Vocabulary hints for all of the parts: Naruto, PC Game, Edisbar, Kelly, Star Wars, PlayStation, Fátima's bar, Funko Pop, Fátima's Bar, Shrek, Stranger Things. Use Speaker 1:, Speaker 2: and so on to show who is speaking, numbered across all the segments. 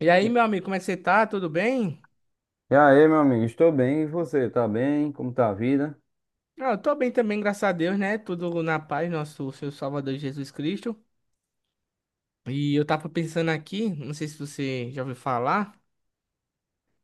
Speaker 1: E aí,
Speaker 2: E
Speaker 1: meu amigo, como é que você tá? Tudo bem?
Speaker 2: aí, meu amigo, estou bem. E você, tá bem? Como tá a vida?
Speaker 1: Ah, eu tô bem também, graças a Deus, né? Tudo na paz, nosso Senhor Salvador Jesus Cristo. E eu tava pensando aqui, não sei se você já ouviu falar,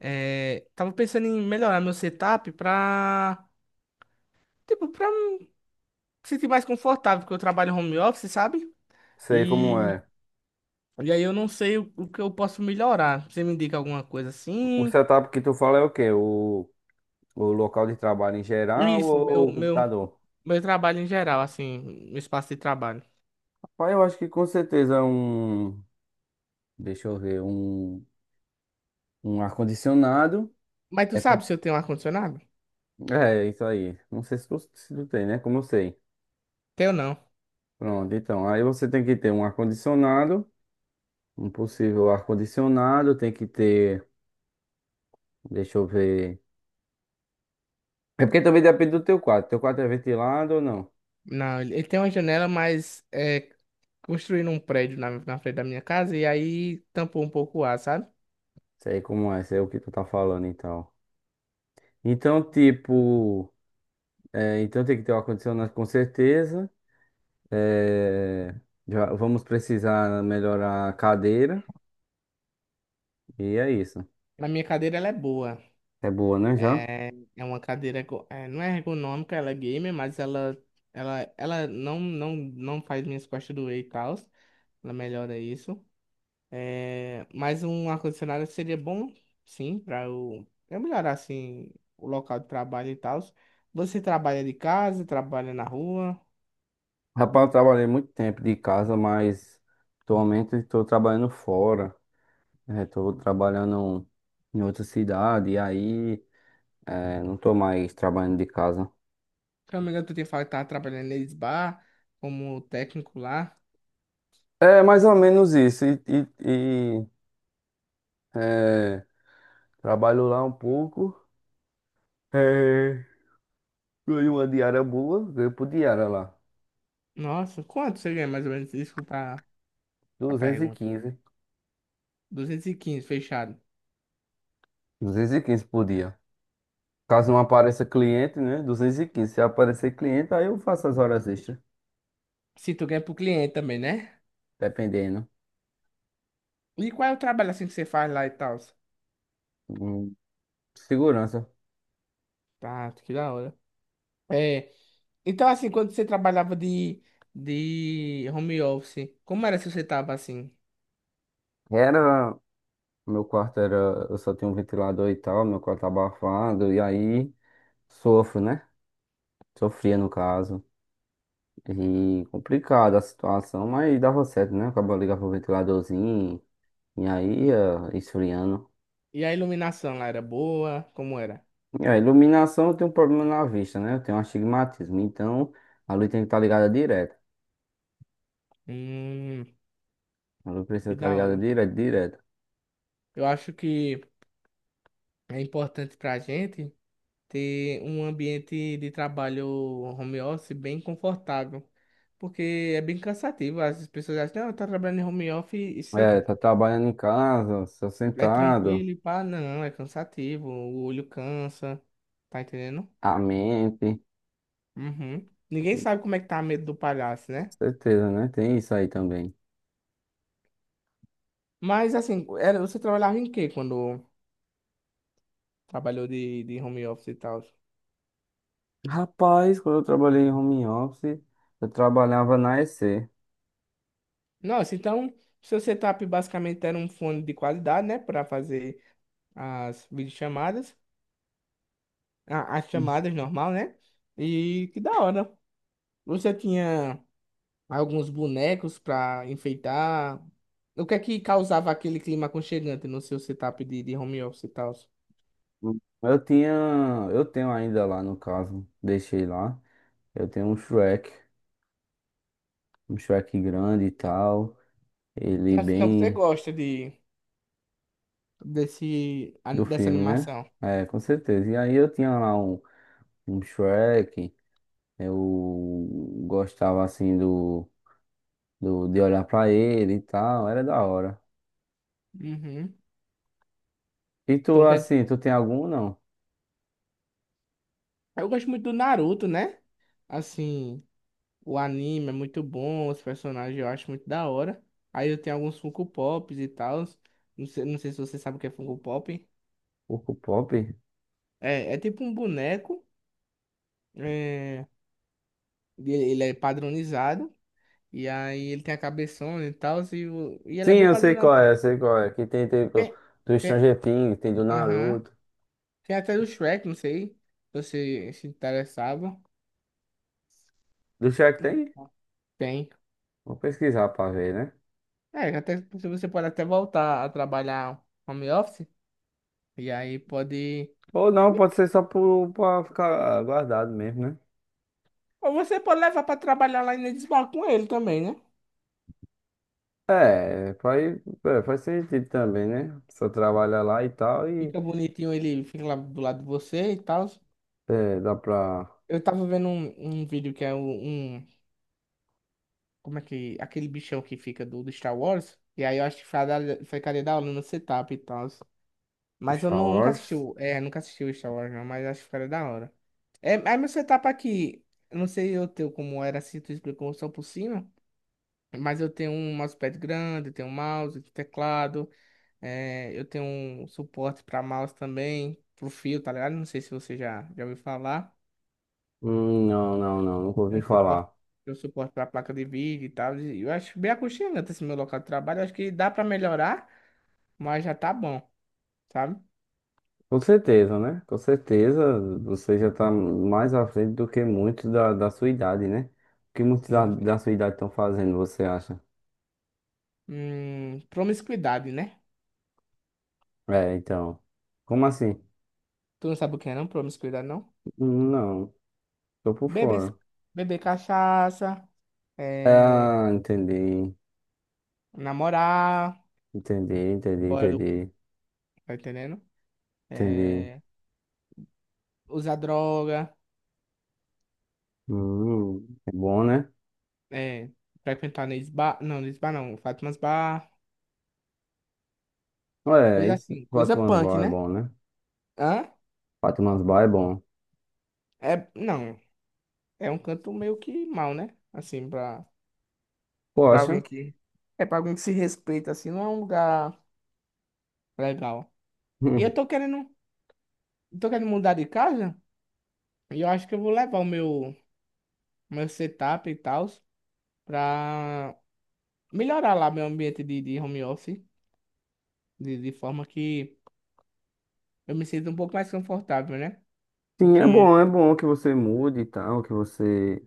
Speaker 1: tava pensando em melhorar meu setup tipo, pra me sentir mais confortável, porque eu trabalho home office, sabe?
Speaker 2: Sei como
Speaker 1: E,
Speaker 2: é.
Speaker 1: e aí eu não sei o que eu posso melhorar. Você me indica alguma coisa
Speaker 2: O
Speaker 1: assim?
Speaker 2: setup que tu fala é o quê? O local de trabalho em geral
Speaker 1: Isso, meu,
Speaker 2: ou o
Speaker 1: meu,
Speaker 2: computador?
Speaker 1: meu trabalho em geral, assim, meu espaço de trabalho.
Speaker 2: Rapaz, eu acho que com certeza um. Deixa eu ver, um ar-condicionado.
Speaker 1: Mas tu
Speaker 2: Depen-
Speaker 1: sabe se eu tenho ar-condicionado?
Speaker 2: É, isso aí. Não sei se tu tem, né? Como eu sei.
Speaker 1: Tenho não.
Speaker 2: Pronto, então. Aí você tem que ter um ar-condicionado, um possível ar-condicionado, tem que ter. Deixa eu ver. É porque também depende do teu quarto. Teu quarto é ventilado ou não?
Speaker 1: Não, ele tem uma janela, mas construíram um prédio na frente da minha casa e aí tampou um pouco o ar, sabe?
Speaker 2: Sei como é, sei o que tu tá falando, então. Então, tipo, então tem que ter o ar-condicionado com certeza. É, já vamos precisar melhorar a cadeira. E é isso.
Speaker 1: Na minha cadeira ela é boa.
Speaker 2: É boa, né, já?
Speaker 1: É, é uma cadeira, não é ergonômica, ela é gamer, mas ela não faz minhas costas doer e tal. Ela melhora isso. É, mas um ar-condicionado seria bom, sim, para eu melhorar assim o local de trabalho e tal. Você trabalha de casa, trabalha na rua?
Speaker 2: Rapaz, eu trabalhei muito tempo de casa, mas atualmente estou trabalhando fora. Estou trabalhando em outra cidade, e aí não estou mais trabalhando de casa.
Speaker 1: Se eu não me engano, tu tinha falado que tava trabalhando nesse bar como técnico lá.
Speaker 2: É mais ou menos isso. E, é, trabalho lá um pouco. É, ganhei uma diária boa, ganhei por diária lá.
Speaker 1: Nossa, quanto você ganha mais ou menos? Desculpa a
Speaker 2: Duzentos e
Speaker 1: pergunta.
Speaker 2: quinze
Speaker 1: 215 fechado.
Speaker 2: 215 por dia. Caso não apareça cliente, né? 215. Se aparecer cliente, aí eu faço as horas extras,
Speaker 1: Se tu ganha pro cliente também, né?
Speaker 2: dependendo.
Speaker 1: E qual é o trabalho assim que você faz lá e tal?
Speaker 2: Hum, Segurança.
Speaker 1: Tá, que da hora. É. Então, assim, quando você trabalhava de home office, como era se você tava assim?
Speaker 2: Era. Meu quarto era. Eu só tinha um ventilador e tal, meu quarto tá abafado, e aí sofro, né? Sofria no caso. E complicada a situação, mas dava certo, né? Acabou ligava pro ventiladorzinho, e aí ia esfriando.
Speaker 1: E a iluminação lá era boa? Como era?
Speaker 2: É, iluminação eu tenho um problema na vista, né? Eu tenho um astigmatismo. Então, a luz tem que estar ligada direto.
Speaker 1: Hum.
Speaker 2: A luz precisa
Speaker 1: Que
Speaker 2: estar
Speaker 1: da
Speaker 2: ligada
Speaker 1: hora.
Speaker 2: direto, direto.
Speaker 1: Eu acho que é importante pra gente ter um ambiente de trabalho home office bem confortável. Porque é bem cansativo. As pessoas acham, não, tá trabalhando em home office e se
Speaker 2: É, tá trabalhando em casa, só
Speaker 1: é
Speaker 2: sentado,
Speaker 1: tranquilo e pá, não, é cansativo, o olho cansa, tá entendendo?
Speaker 2: a mente.
Speaker 1: Uhum. Ninguém
Speaker 2: Com
Speaker 1: sabe como é que tá a medo do palhaço, né?
Speaker 2: certeza, né? Tem isso aí também.
Speaker 1: Mas assim, era, você trabalhava em quê quando trabalhou de home office e tal?
Speaker 2: Rapaz, quando eu trabalhei em home office, eu trabalhava na EC.
Speaker 1: Nossa, então seu setup basicamente era um fone de qualidade, né? Para fazer as videochamadas. As chamadas normal, né? E que da hora. Você tinha alguns bonecos pra enfeitar. O que é que causava aquele clima aconchegante no seu setup de home office e tal?
Speaker 2: Eu tinha, eu tenho ainda lá no caso, deixei lá. Eu tenho um Shrek grande e tal. Ele
Speaker 1: Nossa, então você
Speaker 2: bem.
Speaker 1: gosta de, desse, a-
Speaker 2: Do
Speaker 1: dessa
Speaker 2: filme, né?
Speaker 1: animação.
Speaker 2: É, com certeza. E aí eu tinha lá um, Shrek, eu gostava assim do de olhar pra ele e tal, era da hora.
Speaker 1: Uhum.
Speaker 2: E tu
Speaker 1: Então quer
Speaker 2: assim,
Speaker 1: dizer,
Speaker 2: tu tem algum não?
Speaker 1: eu gosto muito do Naruto, né? Assim, o anime é muito bom, os personagens eu acho muito da hora. Aí eu tenho alguns Funko Pops e tal. Não sei se você sabe o que é Funko Pop.
Speaker 2: Urco Pop?
Speaker 1: É tipo um boneco. É, e ele é padronizado. E aí ele tem a cabeçona e tal. E ele é
Speaker 2: Sim,
Speaker 1: bem
Speaker 2: eu sei
Speaker 1: padronizado.
Speaker 2: qual é, eu sei qual é. Que tem, do,
Speaker 1: Tem,
Speaker 2: do
Speaker 1: tem,
Speaker 2: Stranger Things, tem do
Speaker 1: aham.
Speaker 2: Naruto.
Speaker 1: Tem até do Shrek, não sei se você se interessava.
Speaker 2: Do Shrek tem?
Speaker 1: Tem.
Speaker 2: Vou pesquisar pra ver, né?
Speaker 1: É, até, se você pode até voltar a trabalhar home office. E aí pode.
Speaker 2: Ou não, pode ser só pro, pra ficar guardado mesmo, né?
Speaker 1: Ou você pode levar pra trabalhar lá em Edisbar com ele também, né?
Speaker 2: É, faz, é, faz sentido também, né? Só trabalha lá e tal e.
Speaker 1: Fica bonitinho, ele fica lá do lado de você e tal.
Speaker 2: É, dá pra.
Speaker 1: Eu tava vendo um vídeo que é um, um Como é que. Aquele bichão que fica do Star Wars. E aí eu acho que ficaria da hora no setup e tal. Mas eu
Speaker 2: Star
Speaker 1: nunca assisti.
Speaker 2: Wars?
Speaker 1: Nunca assisti o Star Wars, não, mas acho que ficaria da hora. É, aí meu setup aqui. Eu não sei o teu como era assim, tu explicou só por cima. Mas eu tenho um mousepad grande, eu tenho um mouse, teclado. Eu tenho um suporte pra mouse também. Pro fio, tá ligado? Não sei se você já ouviu falar.
Speaker 2: Não, não, não, nunca
Speaker 1: Tem
Speaker 2: ouvi
Speaker 1: um suporte,
Speaker 2: falar.
Speaker 1: tem um suporte para placa de vídeo e tal. E eu acho bem aconchegante esse meu local de trabalho. Eu acho que dá para melhorar, mas já tá bom, sabe?
Speaker 2: Com certeza, né? Com certeza você já tá mais à frente do que muitos da, da, sua idade, né? O que muitos da,
Speaker 1: Sim, sim.
Speaker 2: da sua idade estão fazendo, você acha?
Speaker 1: Promiscuidade, né?
Speaker 2: É, então. Como assim?
Speaker 1: Tu não sabe o que é, não? Promiscuidade, não?
Speaker 2: Não, tô por
Speaker 1: Beber,
Speaker 2: fora.
Speaker 1: beber cachaça, é,
Speaker 2: Ah, entendi.
Speaker 1: namorar,
Speaker 2: Entendi, entendi,
Speaker 1: fora do.
Speaker 2: entendi.
Speaker 1: Tá entendendo?
Speaker 2: Entendi.
Speaker 1: É, usar droga,
Speaker 2: É bom, né?
Speaker 1: é, frequentar nesse bar. Não, nesse bar não. Fátima's bar.
Speaker 2: É,
Speaker 1: Coisa
Speaker 2: e
Speaker 1: assim. Coisa
Speaker 2: Fátima's
Speaker 1: punk,
Speaker 2: Bar é
Speaker 1: né?
Speaker 2: bom, né?
Speaker 1: Hã?
Speaker 2: Fátima's Bar é bom.
Speaker 1: É, não. É um canto meio que mal, né? Assim, pra, pra
Speaker 2: Poxa.
Speaker 1: alguém que. É pra alguém que se respeita, assim, não é um lugar legal. E eu tô querendo mudar de casa e eu acho que eu vou levar o meu setup e tal pra melhorar lá meu ambiente de home office, de forma que eu me sinta um pouco mais confortável, né?
Speaker 2: Sim,
Speaker 1: Porque,
Speaker 2: é bom que você mude e tal, que você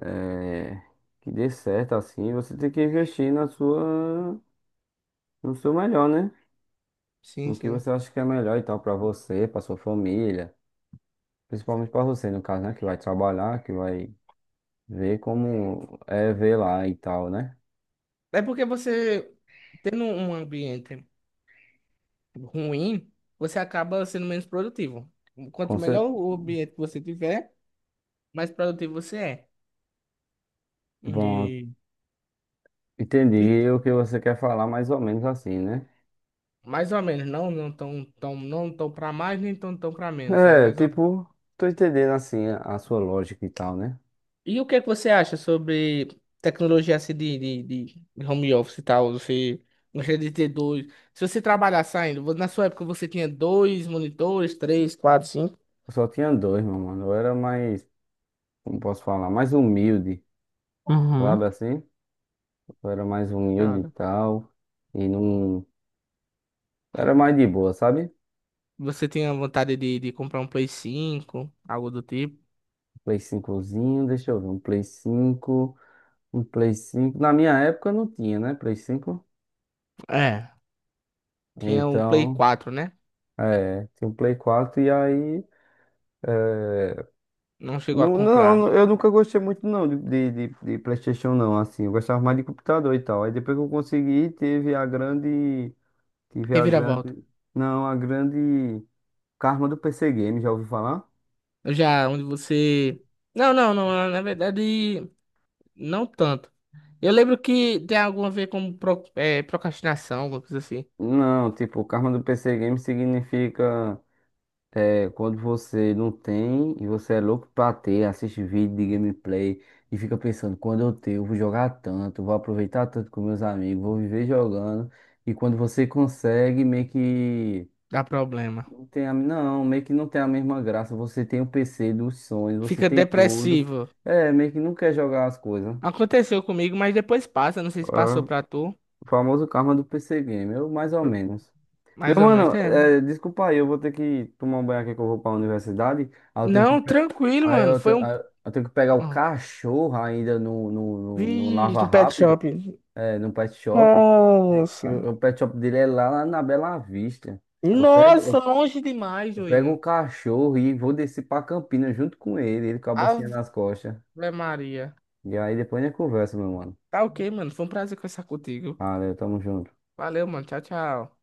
Speaker 2: eh, que dê certo assim, você tem que investir na sua, no seu melhor, né?
Speaker 1: sim,
Speaker 2: No que
Speaker 1: sim.
Speaker 2: você acha que é melhor e tal pra você, pra sua família, principalmente pra você no caso, né? Que vai trabalhar, que vai ver como é ver lá e tal, né?
Speaker 1: É porque você, tendo um ambiente ruim, você acaba sendo menos produtivo. Quanto
Speaker 2: Com cer-
Speaker 1: melhor o ambiente que você tiver, mais produtivo você é.
Speaker 2: Bom,
Speaker 1: E e
Speaker 2: entendi o que você quer falar mais ou menos assim, né?
Speaker 1: mais ou menos, não, não tão, tão, não tão para mais, nem tão, tão para menos, é
Speaker 2: É,
Speaker 1: mais ou menos.
Speaker 2: tipo, tô entendendo assim a sua lógica e tal, né?
Speaker 1: E o que é que você acha sobre tecnologia assim, de home office e tal? Você gostaria de ter dois? Se você trabalhar saindo, na sua época você tinha dois monitores, três, quatro, cinco?
Speaker 2: Eu só tinha dois, meu mano. Eu era mais como posso falar, mais humilde,
Speaker 1: Uhum.
Speaker 2: sabe assim? Eu era mais humilde e
Speaker 1: Cara,
Speaker 2: tal. E não. Era mais de boa, sabe?
Speaker 1: você tinha vontade de comprar um Play 5 algo do tipo?
Speaker 2: Play cincozinho, zinho deixa eu ver, um Play cinco. Um Play 5. Na minha época não tinha, né? Play 5.
Speaker 1: É. Tinha o Play
Speaker 2: Então,
Speaker 1: quatro né?
Speaker 2: tinha um Play 4 e aí.
Speaker 1: Não chegou a
Speaker 2: Não,
Speaker 1: comprar.
Speaker 2: não, eu nunca gostei muito não de PlayStation não, assim, eu gostava mais de computador e tal. Aí depois que eu consegui, teve a grande, tive a
Speaker 1: Reviravolta.
Speaker 2: grande, não, a grande karma do PC Game, já ouviu falar?
Speaker 1: Já, onde você. Não, não, não, ah, na verdade, não tanto. Eu lembro que tem algum a ver com procrastinação, alguma coisa assim.
Speaker 2: Não, tipo, karma do PC Game significa quando você não tem e você é louco pra ter, assiste vídeo de gameplay e fica pensando, quando eu ter, eu vou jogar tanto, vou aproveitar tanto com meus amigos, vou viver jogando. E quando você consegue, meio que
Speaker 1: Dá problema.
Speaker 2: não tem a, não, meio que não tem a mesma graça. Você tem o PC dos sonhos, você
Speaker 1: Fica
Speaker 2: tem tudo.
Speaker 1: depressivo.
Speaker 2: É, meio que não quer jogar as coisas.
Speaker 1: Aconteceu comigo, mas depois passa. Não sei
Speaker 2: É,
Speaker 1: se passou pra tu.
Speaker 2: o famoso karma do PC Game, eu mais ou
Speaker 1: Pro-
Speaker 2: menos. Meu
Speaker 1: Mais ou menos.
Speaker 2: mano,
Speaker 1: É.
Speaker 2: desculpa aí, eu vou ter que tomar um banho aqui que eu vou pra universidade.
Speaker 1: Não, tranquilo, mano. Foi um.
Speaker 2: Aí eu tenho que pegar o
Speaker 1: Ah,
Speaker 2: cachorro ainda no
Speaker 1: vixe,
Speaker 2: Lava
Speaker 1: um pet
Speaker 2: Rápido,
Speaker 1: shop.
Speaker 2: é, no pet shop. Que
Speaker 1: Nossa.
Speaker 2: O pet shop dele é lá na Bela Vista. Eu pego,
Speaker 1: Nossa,
Speaker 2: eu,
Speaker 1: longe demais,
Speaker 2: eu pego o
Speaker 1: Juninho.
Speaker 2: cachorro e vou descer pra Campinas junto com ele, ele com a bolsinha nas
Speaker 1: Ave
Speaker 2: costas.
Speaker 1: Maria.
Speaker 2: E aí depois a gente conversa, meu mano.
Speaker 1: Tá ok, mano. Foi um prazer conversar contigo.
Speaker 2: Valeu, tamo junto.
Speaker 1: Valeu, mano. Tchau, tchau.